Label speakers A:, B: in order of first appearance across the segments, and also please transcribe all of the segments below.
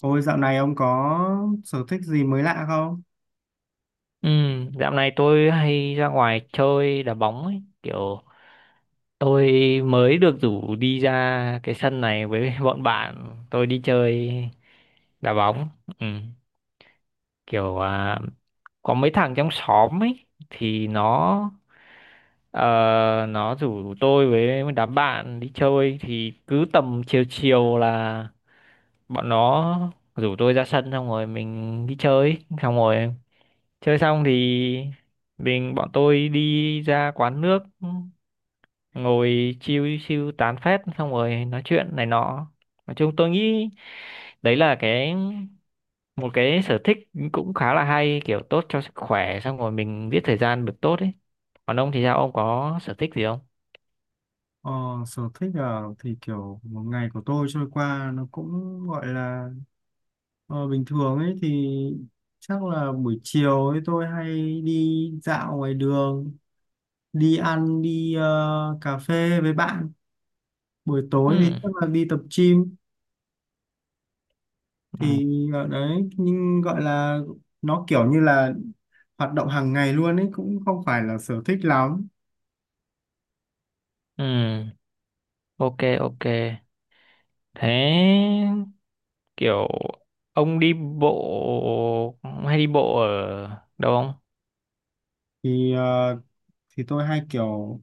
A: Ôi dạo này ông có sở thích gì mới lạ không?
B: Ừ, dạo này tôi hay ra ngoài chơi đá bóng ấy. Kiểu tôi mới được rủ đi ra cái sân này với bọn bạn. Tôi đi chơi đá bóng. Ừ, kiểu à, có mấy thằng trong xóm ấy thì nó ờ, nó rủ tôi với đám bạn đi chơi thì cứ tầm chiều chiều là bọn nó rủ tôi ra sân xong rồi mình đi chơi xong rồi chơi xong thì bọn tôi đi ra quán nước ngồi chill chill tán phét xong rồi nói chuyện này nọ. Nói chung tôi nghĩ đấy là một cái sở thích cũng khá là hay, kiểu tốt cho sức khỏe xong rồi mình giết thời gian được tốt ấy. Còn ông thì sao, ông có sở thích gì không?
A: Ờ, Sở thích à? Thì kiểu một ngày của tôi trôi qua nó cũng gọi là bình thường ấy, thì chắc là buổi chiều ấy tôi hay đi dạo ngoài đường, đi ăn, đi cà phê với bạn. Buổi
B: Ừ.
A: tối thì chắc là đi tập gym thì
B: Ừ.
A: ở đấy, nhưng gọi là nó kiểu như là hoạt động hàng ngày luôn ấy, cũng không phải là sở thích lắm.
B: Ừ. Ok, ok. Thế kiểu ông đi bộ hay đi bộ ở đâu?
A: Thì ờ, thì tôi hay kiểu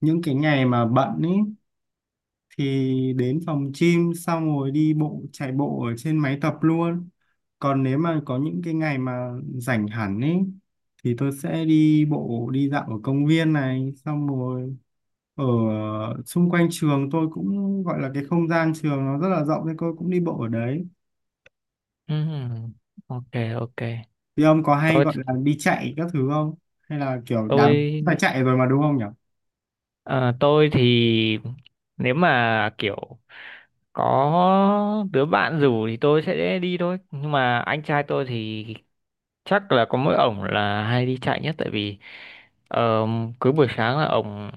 A: những cái ngày mà bận ý thì đến phòng gym xong rồi đi bộ chạy bộ ở trên máy tập luôn. Còn nếu mà có những cái ngày mà rảnh hẳn ý thì tôi sẽ đi bộ đi dạo ở công viên này, xong rồi ở xung quanh trường tôi cũng gọi là cái không gian trường nó rất là rộng nên tôi cũng đi bộ ở đấy.
B: Ừm, ok, ok.
A: Thì ông có hay
B: tôi
A: gọi là đi chạy các thứ không, hay là kiểu đạp,
B: tôi
A: phải chạy rồi mà đúng không nhỉ?
B: ờ, tôi thì nếu mà kiểu có đứa bạn rủ thì tôi sẽ đi thôi, nhưng mà anh trai tôi thì chắc là có mỗi ổng là hay đi chạy nhất, tại vì ờ, cứ buổi sáng là ổng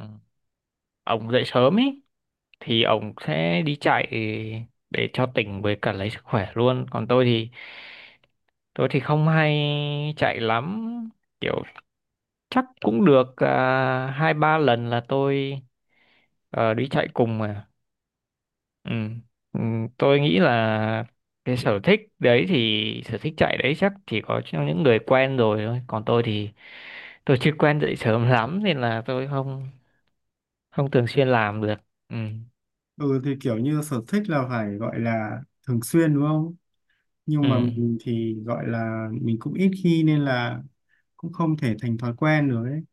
B: ổng dậy sớm ấy thì ổng sẽ đi chạy để cho tỉnh với cả lấy sức khỏe luôn. Còn tôi thì không hay chạy lắm, kiểu chắc cũng được à, hai ba lần là tôi đi chạy cùng mà. Ừ. Ừ, tôi nghĩ là cái sở thích đấy, thì sở thích chạy đấy chắc chỉ có cho những người quen rồi thôi. Còn tôi thì tôi chưa quen dậy sớm lắm nên là tôi không không thường xuyên làm được. Ừ.
A: Ừ, thì kiểu như sở thích là phải gọi là thường xuyên đúng không, nhưng
B: Ừ.
A: mà mình thì gọi là mình cũng ít khi, nên là cũng không thể thành thói quen nữa ấy.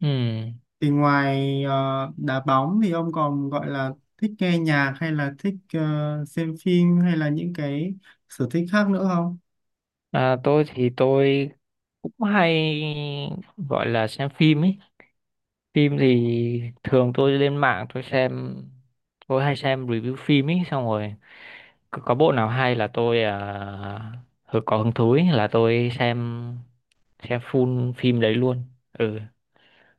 B: Ừ.
A: Thì ngoài đá bóng thì ông còn gọi là thích nghe nhạc hay là thích xem phim, hay là những cái sở thích khác nữa không?
B: À, tôi thì tôi cũng hay gọi là xem phim ấy. Phim thì thường tôi lên mạng tôi xem, tôi hay xem review phim ấy, xong rồi có bộ nào hay là tôi có hứng thú ý, là tôi xem full phim đấy luôn. Ừ,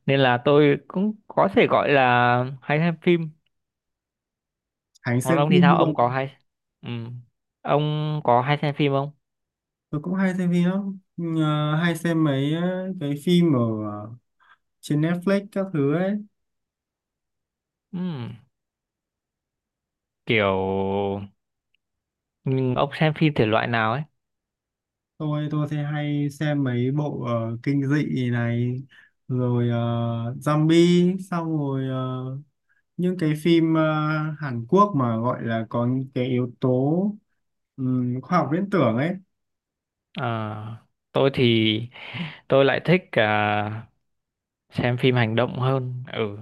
B: nên là tôi cũng có thể gọi là hay xem phim.
A: Hãy
B: Còn
A: xem
B: ông thì
A: phim
B: sao, ông có
A: luôn.
B: hay, ừ, ông có hay xem phim không?
A: Tôi cũng hay xem phim lắm. Ờ, hay xem mấy cái phim ở ờ, trên Netflix các thứ ấy.
B: Ừ. Kiểu nhưng ông xem phim thể loại nào ấy?
A: Tôi thì hay xem mấy bộ kinh dị này, rồi zombie, xong rồi những cái phim Hàn Quốc mà gọi là có những cái yếu tố khoa học viễn tưởng ấy.
B: Ờ, tôi thì tôi lại thích à, xem phim hành động hơn. Ừ,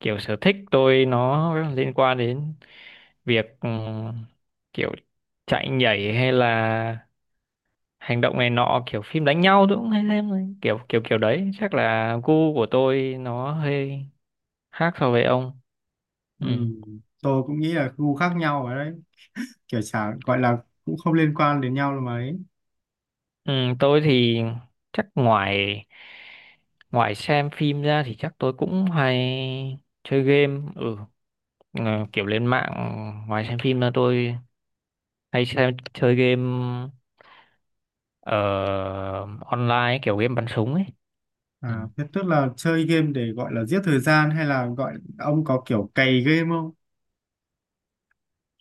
B: kiểu sở thích tôi nó liên quan đến việc kiểu chạy nhảy hay là hành động này nọ, kiểu phim đánh nhau tôi cũng hay xem này. Kiểu kiểu kiểu đấy chắc là gu của tôi nó hơi khác so với ông. Ừ.
A: Ừm, tôi cũng nghĩ là gu khác nhau ở đấy, kiểu chả gọi là cũng không liên quan đến nhau là mấy.
B: Ừ, tôi thì chắc ngoài ngoài xem phim ra thì chắc tôi cũng hay chơi game. Ừ. Ờ, kiểu lên mạng, ngoài xem phim ra tôi hay xem chơi game ờ, online, kiểu game bắn súng ấy. Ừ.
A: À thế tức là chơi game để gọi là giết thời gian, hay là gọi ông có kiểu cày game không?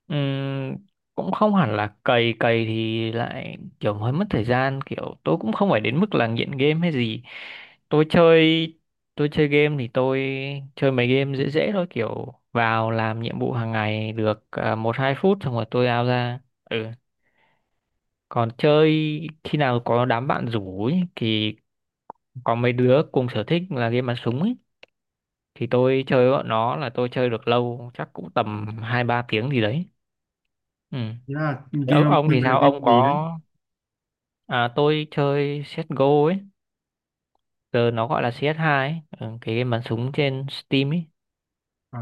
B: Ừm, cũng không hẳn là cày, cày thì lại kiểu hơi mất thời gian, kiểu tôi cũng không phải đến mức là nghiện game hay gì. Tôi chơi tôi chơi game thì tôi chơi mấy game dễ dễ thôi, kiểu vào làm nhiệm vụ hàng ngày được à, một hai phút xong rồi tôi out ra. Ừ, còn chơi khi nào có đám bạn rủ ấy, thì có mấy đứa cùng sở thích là game bắn súng ấy, thì tôi chơi bọn nó là tôi chơi được lâu, chắc cũng tầm hai ba tiếng gì đấy. Ừ.
A: Thế là game
B: Ô-
A: ông
B: ông
A: chơi
B: thì
A: là
B: sao
A: game
B: ông
A: gì đấy?
B: có, à, tôi chơi CSGO ấy, giờ nó gọi là cs hai ấy. Ừ, cái game bắn súng trên Steam ấy.
A: À,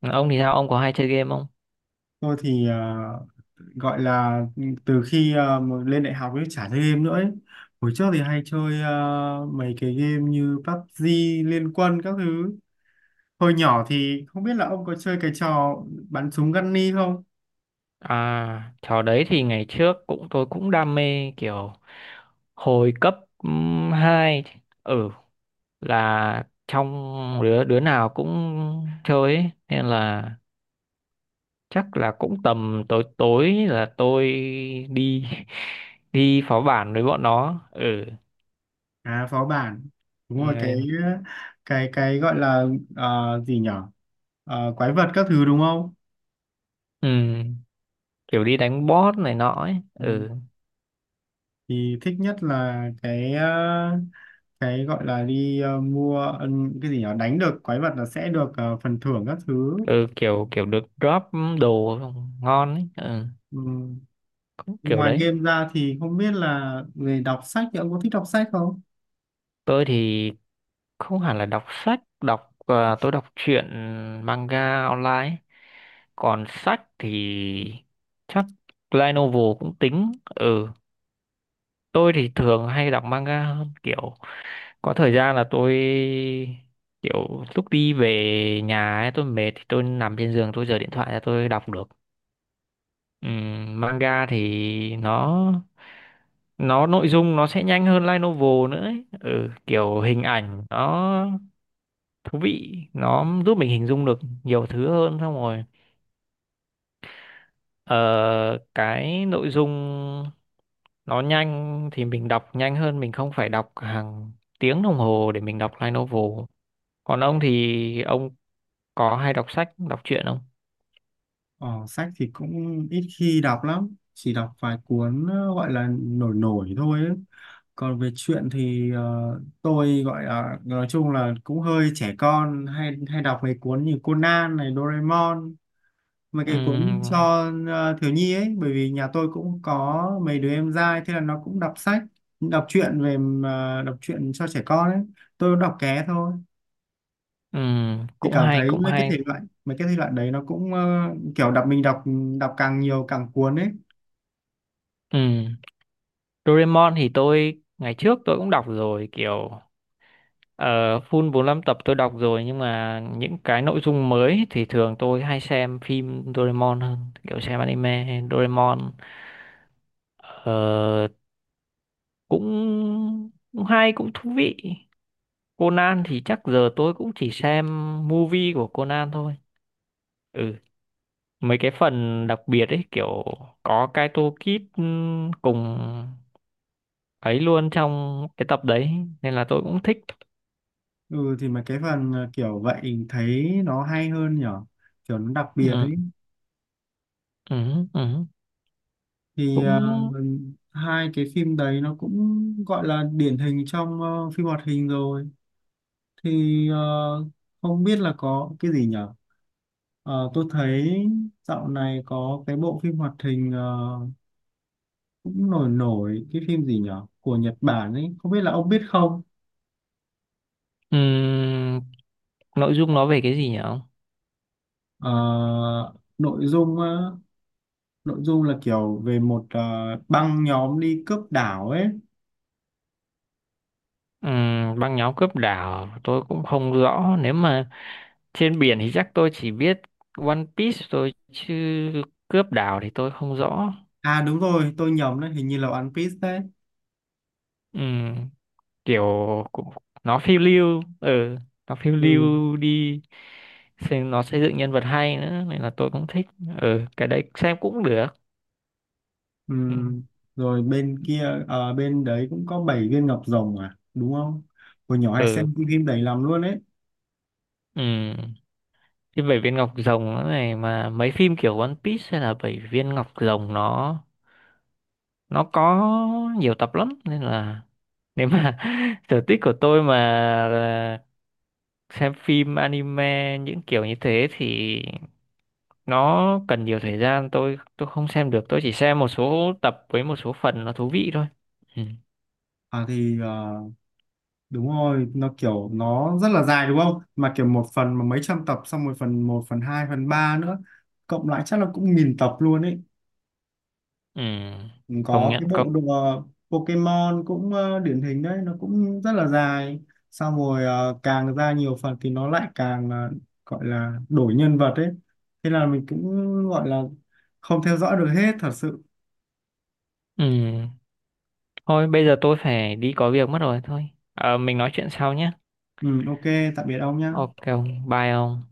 B: Ừ, ông thì sao ông có hay chơi game không?
A: tôi thì gọi là ừ, từ khi mà lên đại học ấy chả chơi game nữa ấy. Hồi trước thì hay chơi mấy cái game như PUBG, Liên Quân các thứ. Hồi nhỏ thì không biết là ông có chơi cái trò bắn súng Gunny không?
B: À, trò đấy thì ngày trước cũng tôi cũng đam mê, kiểu hồi cấp hai. Ừ, là trong đứa đứa nào cũng chơi ấy, nên là chắc là cũng tầm tối tối là tôi đi đi phó bản với bọn nó. Ừ.
A: À phó bản. Đúng rồi, cái
B: Rồi,
A: cái cái gọi là gì nhở? Ờ, quái vật các thứ đúng không?
B: ừ, kiểu đi đánh boss này nọ ấy.
A: Ừ.
B: Ừ.
A: Thì thích nhất là cái cái gọi là đi mua ừ, cái gì nhở, đánh được quái vật là sẽ được phần thưởng các thứ.
B: Ừ, kiểu kiểu được drop đồ ngon ấy. Ừ,
A: Ừ.
B: cũng kiểu
A: Ngoài
B: đấy.
A: game ra thì không biết là về đọc sách thì ông có thích đọc sách không?
B: Tôi thì không hẳn là đọc sách, đọc à, tôi đọc truyện manga online ấy. Còn sách thì chắc light novel cũng tính. Ừ, tôi thì thường hay đọc manga hơn, kiểu có thời gian là tôi kiểu lúc đi về nhà ấy, tôi mệt thì tôi nằm trên giường tôi giở điện thoại ra tôi đọc được. Manga thì nó nội dung nó sẽ nhanh hơn light novel nữa ấy. Ừ, kiểu hình ảnh nó thú vị, nó giúp mình hình dung được nhiều thứ hơn, xong rồi ờ, cái nội dung nó nhanh thì mình đọc nhanh hơn, mình không phải đọc hàng tiếng đồng hồ để mình đọc light novel. Còn ông thì ông có hay đọc sách đọc truyện không?
A: Ờ, sách thì cũng ít khi đọc lắm, chỉ đọc vài cuốn gọi là nổi nổi thôi ấy. Còn về truyện thì tôi gọi là nói chung là cũng hơi trẻ con, hay hay đọc mấy cuốn như Conan này, Doraemon, mấy cái cuốn
B: Ừm,
A: cho thiếu nhi ấy, bởi vì nhà tôi cũng có mấy đứa em trai, thế là nó cũng đọc sách, đọc truyện về đọc truyện cho trẻ con ấy. Tôi cũng đọc ké thôi. Thì
B: cũng
A: cảm
B: hay
A: thấy
B: cũng
A: mấy cái
B: hay.
A: thể loại, mấy cái thể loại đấy nó cũng kiểu đọc, mình đọc đọc càng nhiều càng cuốn ấy.
B: Ừm, Doraemon thì tôi ngày trước tôi cũng đọc rồi, kiểu ờ, full 45 tập tôi đọc rồi, nhưng mà những cái nội dung mới thì thường tôi hay xem phim Doraemon hơn, kiểu xem anime Doraemon. Ờ, cũng cũng hay cũng thú vị. Conan thì chắc giờ tôi cũng chỉ xem movie của Conan thôi. Ừ, mấy cái phần đặc biệt ấy, kiểu có cái toolkit cùng ấy luôn trong cái tập đấy, nên là tôi cũng thích.
A: Ừ, thì mấy cái phần kiểu vậy thấy nó hay hơn nhở, kiểu nó đặc biệt
B: Ừ,
A: ấy.
B: ừ, ừ.
A: thì ờ,
B: Cũng
A: Hai cái phim đấy nó cũng gọi là điển hình trong phim hoạt hình rồi. thì ờ, Không biết là có cái gì nhở. Ờ, tôi thấy dạo này có cái bộ phim hoạt hình cũng nổi nổi, cái phim gì nhở của Nhật Bản ấy, không biết là ông biết không?
B: ừm, nội dung nó về cái gì nhỉ ông?
A: Ờ, nội dung á, nội dung là kiểu về một băng nhóm đi cướp đảo ấy.
B: Băng nhóm cướp đảo tôi cũng không rõ, nếu mà trên biển thì chắc tôi chỉ biết One Piece thôi, chứ cướp đảo thì tôi không rõ.
A: À đúng rồi, tôi nhầm đấy, hình như là One Piece đấy.
B: Ừ. Kiểu cũng nó phiêu lưu, ừ, nó phiêu
A: Ừ.
B: lưu đi, xem nó xây dựng nhân vật hay nữa nên là tôi cũng thích. Ừ, cái đấy xem cũng được. Ừ.
A: Ừm, rồi bên kia bên đấy cũng có bảy viên ngọc rồng à đúng không? Hồi nhỏ hay
B: Ừ.
A: xem cái phim đấy lắm luôn ấy.
B: Ừ. Cái bảy viên ngọc rồng nó này, mà mấy phim kiểu One Piece hay là bảy viên ngọc rồng nó có nhiều tập lắm nên là nếu mà sở thích của tôi mà là xem phim anime những kiểu như thế thì nó cần nhiều thời gian, tôi không xem được, tôi chỉ xem một số tập với một số phần nó thú vị thôi. Ừ.
A: à thì ờ, Đúng rồi, nó kiểu nó rất là dài đúng không, mà kiểu một phần mà mấy trăm tập, xong rồi phần một phần hai phần ba nữa, cộng lại chắc là cũng nghìn tập luôn ấy.
B: Ừ. Công
A: Có cái
B: nhận, công.
A: bộ đùa Pokemon cũng điển hình đấy, nó cũng rất là dài, xong rồi càng ra nhiều phần thì nó lại càng gọi là đổi nhân vật ấy, thế là mình cũng gọi là không theo dõi được hết thật sự.
B: Ừ. Thôi bây giờ tôi phải đi có việc mất rồi, thôi. Ờ, mình nói chuyện sau nhé.
A: Ừ, ok, tạm biệt ông nhé.
B: Ok, ông bye ông.